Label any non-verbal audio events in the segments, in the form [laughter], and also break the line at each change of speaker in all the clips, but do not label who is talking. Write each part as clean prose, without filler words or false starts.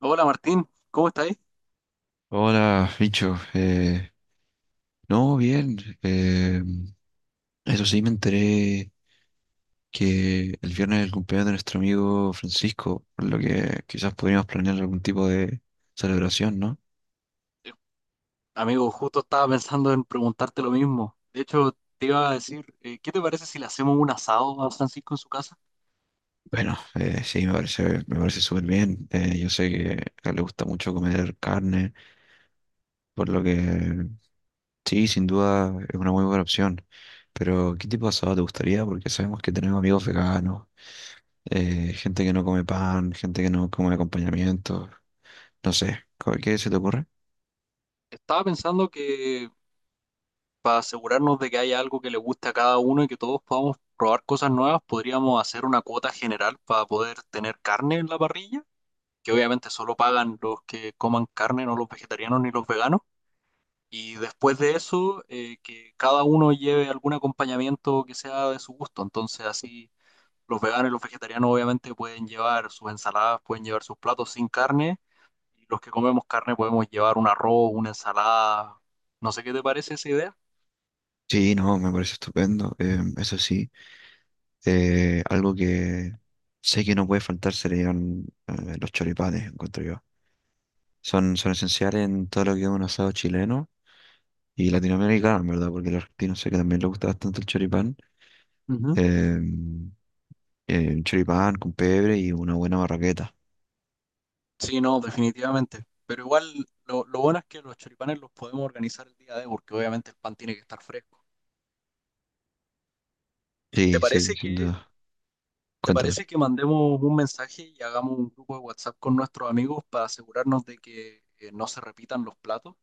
Hola, Martín, ¿cómo estás?
Hola, bicho. No, bien. eh, Eso sí, me enteré que el viernes es el cumpleaños de nuestro amigo Francisco, por lo que quizás podríamos planear algún tipo de celebración, ¿no?
Eh, Amigo, justo estaba pensando en preguntarte lo mismo. De hecho, te iba a decir, ¿qué te parece si le hacemos un asado a Francisco en su casa?
Bueno, sí, me parece súper bien. Yo sé que a él le gusta mucho comer carne, por lo que sí, sin duda es una muy buena opción. Pero, ¿qué tipo de asado te gustaría? Porque sabemos que tenemos amigos veganos, gente que no come pan, gente que no come acompañamiento. No sé, ¿qué se te ocurre?
Estaba pensando que para asegurarnos de que haya algo que le guste a cada uno y que todos podamos probar cosas nuevas, podríamos hacer una cuota general para poder tener carne en la parrilla, que obviamente solo pagan los que coman carne, no los vegetarianos ni los veganos. Y después de eso, que cada uno lleve algún acompañamiento que sea de su gusto. Entonces así los veganos y los vegetarianos obviamente pueden llevar sus ensaladas, pueden llevar sus platos sin carne. Y los que comemos carne podemos llevar un arroz, una ensalada. No sé qué te parece esa idea.
Sí, no, me parece estupendo. Eso sí, algo que sé que no puede faltar serían los choripanes, encuentro yo. Son esenciales en todo lo que es un asado chileno y latinoamericano, en verdad, porque el argentino sé que también le gusta bastante el choripán.
Ujú.
Eh, un choripán con pebre y una buena barraqueta.
Sí, no, definitivamente. Pero igual lo bueno es que los choripanes los podemos organizar el día de, porque obviamente el pan tiene que estar fresco. ¿Te
Sí, sí,
parece
sin
que,
duda.
¿te
Cuéntame.
parece que mandemos un mensaje y hagamos un grupo de WhatsApp con nuestros amigos para asegurarnos de que no se repitan los platos?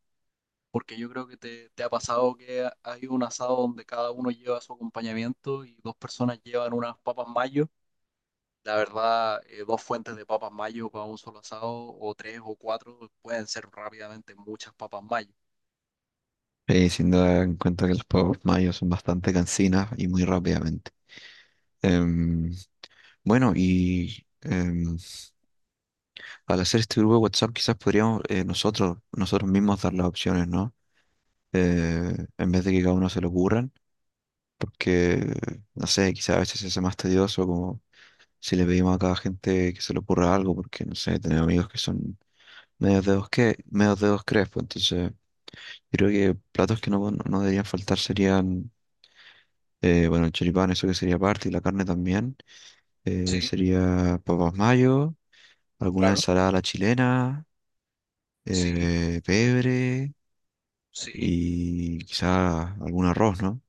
Porque yo creo que te ha pasado que hay un asado donde cada uno lleva su acompañamiento y dos personas llevan unas papas mayo. La verdad, dos fuentes de papas mayo para un solo asado, o tres o cuatro, pueden ser rápidamente muchas papas mayo.
Sí, sin duda, en cuenta que los pueblos mayos son bastante cansinas y muy rápidamente. Em, Bueno, y al hacer este grupo de WhatsApp quizás podríamos nosotros mismos dar las opciones, ¿no? En vez de que cada uno se lo ocurran, porque, no sé, quizás a veces se hace más tedioso como si le pedimos a cada gente que se le ocurra algo, porque, no sé, tenemos amigos que son medios dedos crespos, entonces creo que platos que no deberían faltar serían, bueno, el choripán, eso que sería parte, y la carne también,
Sí,
sería papas mayo, alguna
claro,
ensalada a la chilena,
sí,
pebre
sí,
y quizá algún arroz, ¿no?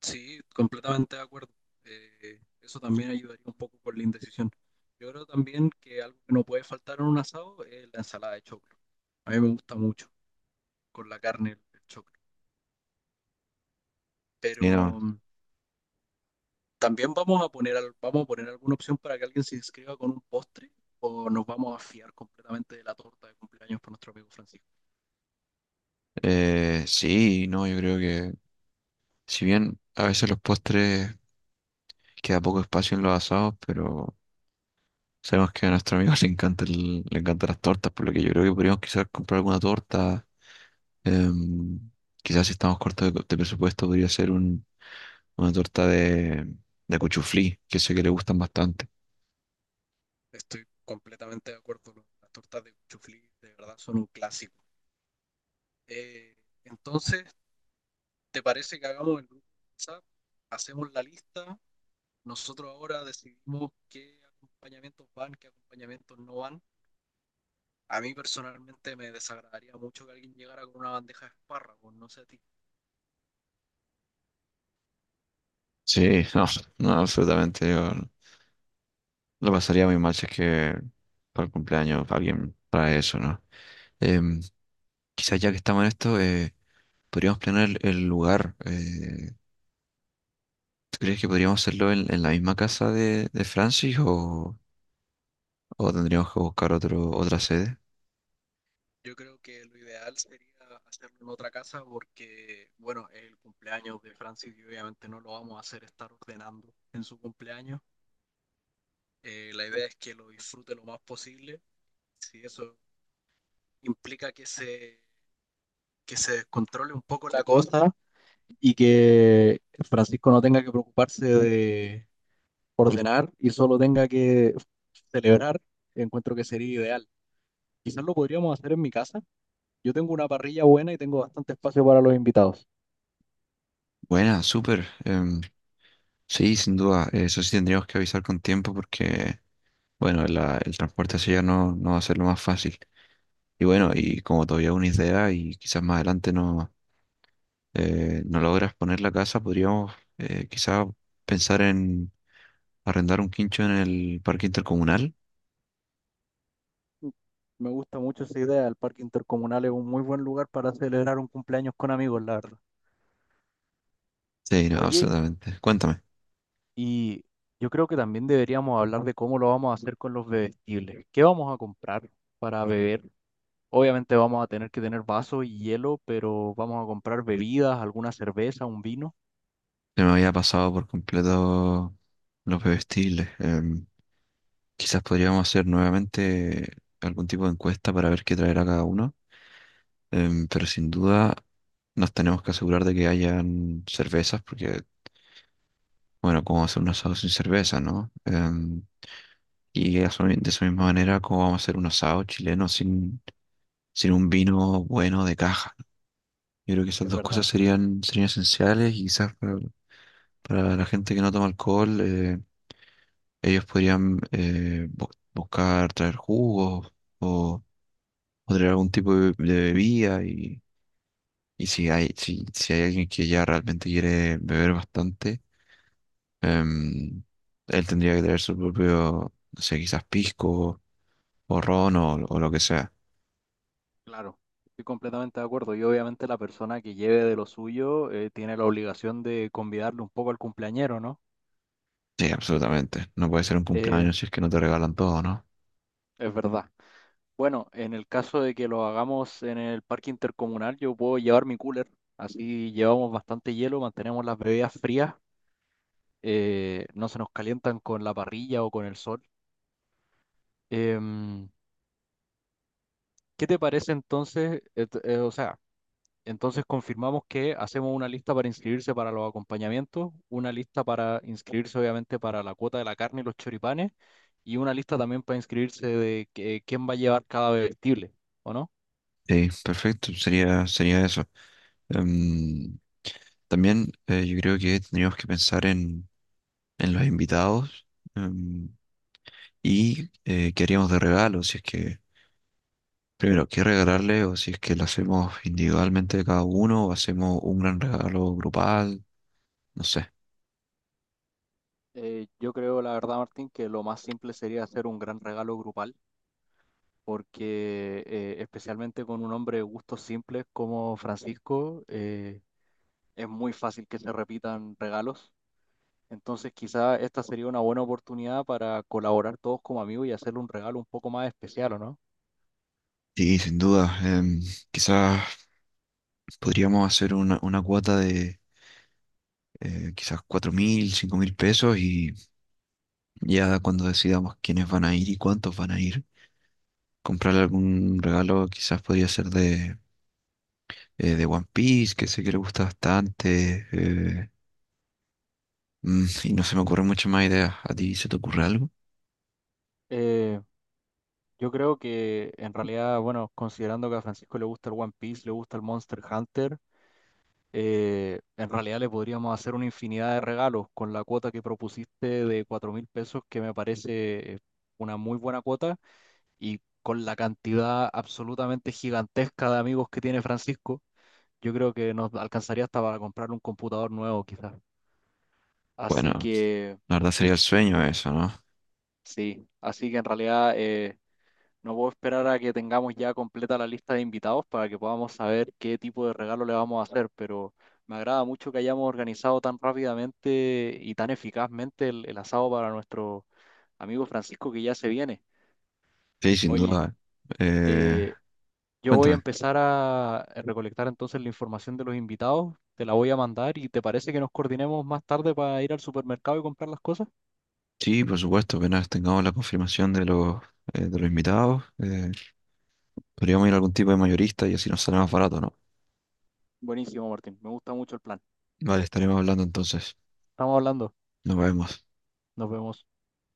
sí, completamente de acuerdo. Eso también ayudaría un poco con la indecisión. Yo creo también que algo que no puede faltar en un asado es la ensalada de choclo. A mí me gusta mucho con la carne el choclo.
Y no,
Pero mm, también vamos a poner, vamos a poner alguna opción para que alguien se inscriba con un postre o nos vamos a fiar completamente de la torta de cumpleaños por nuestro amigo Francisco.
sí, no, yo creo que si bien a veces los postres queda poco espacio en los asados, pero sabemos que a nuestro amigo [laughs] le encantan las tortas, por lo que yo creo que podríamos quizás comprar alguna torta. Em, Quizás si estamos cortos de presupuesto podría ser una torta de cuchuflí, que sé que le gustan bastante.
Estoy completamente de acuerdo. Las tortas de cuchuflí de verdad son un clásico. Eh, entonces, ¿te parece que hagamos el grupo de WhatsApp? Hacemos la lista. Nosotros ahora decidimos qué acompañamientos van, qué acompañamientos no van. A mí personalmente me desagradaría mucho que alguien llegara con una bandeja de espárragos, no sé a ti.
Sí, [laughs] no, no, absolutamente. Lo pasaría muy mal si es que para el cumpleaños alguien trae eso, ¿no? Em, Quizás ya que estamos en esto, podríamos planear el lugar. ¿Tú crees que podríamos hacerlo en la misma casa de Francis o tendríamos que buscar otra sede?
Yo creo que lo ideal sería hacerlo en otra casa porque, bueno, es el cumpleaños de Francis y obviamente no lo vamos a hacer estar ordenando en su cumpleaños. La idea es que lo disfrute lo más posible. Si eso implica que se descontrole un poco la cosa y que Francisco no tenga que preocuparse de ordenar y solo tenga que celebrar, encuentro que sería ideal. Quizás lo podríamos hacer en mi casa. Yo tengo una parrilla buena y tengo bastante espacio para los invitados.
Buena, súper. Sí, sin duda. Eso sí tendríamos que avisar con tiempo porque, bueno, el transporte hacia allá no, no va a ser lo más fácil. Y bueno, y como todavía una idea y quizás más adelante no logras poner la casa, podríamos quizá pensar en arrendar un quincho en el parque intercomunal.
Me gusta mucho esa idea. El parque intercomunal es un muy buen lugar para celebrar un cumpleaños con amigos, la verdad.
Sí, no,
Oye,
absolutamente. Cuéntame.
y yo creo que también deberíamos hablar de cómo lo vamos a hacer con los bebestibles. ¿Qué vamos a comprar para beber? Obviamente vamos a tener que tener vasos y hielo, pero vamos a comprar bebidas, alguna cerveza, un vino.
Se me había pasado por completo los bebestibles. Quizás podríamos hacer nuevamente algún tipo de encuesta para ver qué traerá cada uno. Pero sin duda nos tenemos que asegurar de que hayan cervezas, porque bueno, cómo hacer un asado sin cerveza, ¿no? Y eso de esa misma manera, cómo vamos a hacer un asado chileno sin, sin un vino bueno de caja. Yo creo que esas
Es
dos cosas
verdad.
serían esenciales y quizás para la gente que no toma alcohol, ellos podrían buscar traer jugos o, o traer algún tipo de bebida y si hay, si hay alguien que ya realmente quiere beber bastante. Em, Él tendría que tener su propio, no sé, quizás pisco o ron o lo que sea.
Claro, estoy completamente de acuerdo. Y obviamente la persona que lleve de lo suyo tiene la obligación de convidarle un poco al cumpleañero, ¿no?
Sí, absolutamente. No puede ser un
Eh,
cumpleaños si es que no te regalan todo, ¿no?
es verdad. Bueno, en el caso de que lo hagamos en el parque intercomunal, yo puedo llevar mi cooler. Así llevamos bastante hielo, mantenemos las bebidas frías, no se nos calientan con la parrilla o con el sol. Em, ¿qué te parece entonces? O sea, entonces confirmamos que hacemos una lista para inscribirse para los acompañamientos, una lista para inscribirse obviamente para la cuota de la carne y los choripanes, y una lista también para inscribirse de quién va a llevar cada bebestible, ¿o no?
Sí, perfecto. Sería eso. Em, También yo creo que tendríamos que pensar en los invitados em, y qué haríamos de regalo, si es que, primero, qué regalarle o si es que lo hacemos individualmente cada uno o hacemos un gran regalo grupal, no sé.
Yo creo, la verdad, Martín, que lo más simple sería hacer un gran regalo grupal, porque especialmente con un hombre de gustos simples como Francisco, es muy fácil que se repitan regalos. Entonces, quizá esta sería una buena oportunidad para colaborar todos como amigos y hacerle un regalo un poco más especial, ¿o no?
Sí, sin duda. Quizás podríamos hacer una cuota de quizás 4.000, 5.000 pesos y ya cuando decidamos quiénes van a ir y cuántos van a ir, comprar algún regalo quizás podría ser de One Piece, que sé que le gusta bastante. Y no se me ocurren muchas más ideas. ¿A ti se te ocurre algo?
Eh, yo creo que en realidad, bueno, considerando que a Francisco le gusta el One Piece, le gusta el Monster Hunter, en realidad le podríamos hacer una infinidad de regalos con la cuota que propusiste de $4.000, que me parece una muy buena cuota, y con la cantidad absolutamente gigantesca de amigos que tiene Francisco, yo creo que nos alcanzaría hasta para comprar un computador nuevo quizás. Así
Bueno,
que
la verdad sería el sueño eso, ¿no?
sí, así que en realidad... no puedo esperar a que tengamos ya completa la lista de invitados para que podamos saber qué tipo de regalo le vamos a hacer, pero me agrada mucho que hayamos organizado tan rápidamente y tan eficazmente el asado para nuestro amigo Francisco que ya se viene.
Sí, sin
Oye,
duda. Eh,
eh, yo voy a
cuéntame.
empezar a recolectar entonces la información de los invitados, te la voy a mandar y ¿te parece que nos coordinemos más tarde para ir al supermercado y comprar las cosas?
Sí, por supuesto, apenas tengamos la confirmación de los invitados, podríamos ir a algún tipo de mayorista y así nos sale más barato, ¿no?
Buenísimo, Martín, me gusta mucho el plan.
Vale, estaremos hablando entonces.
Estamos hablando,
Nos vemos.
nos vemos.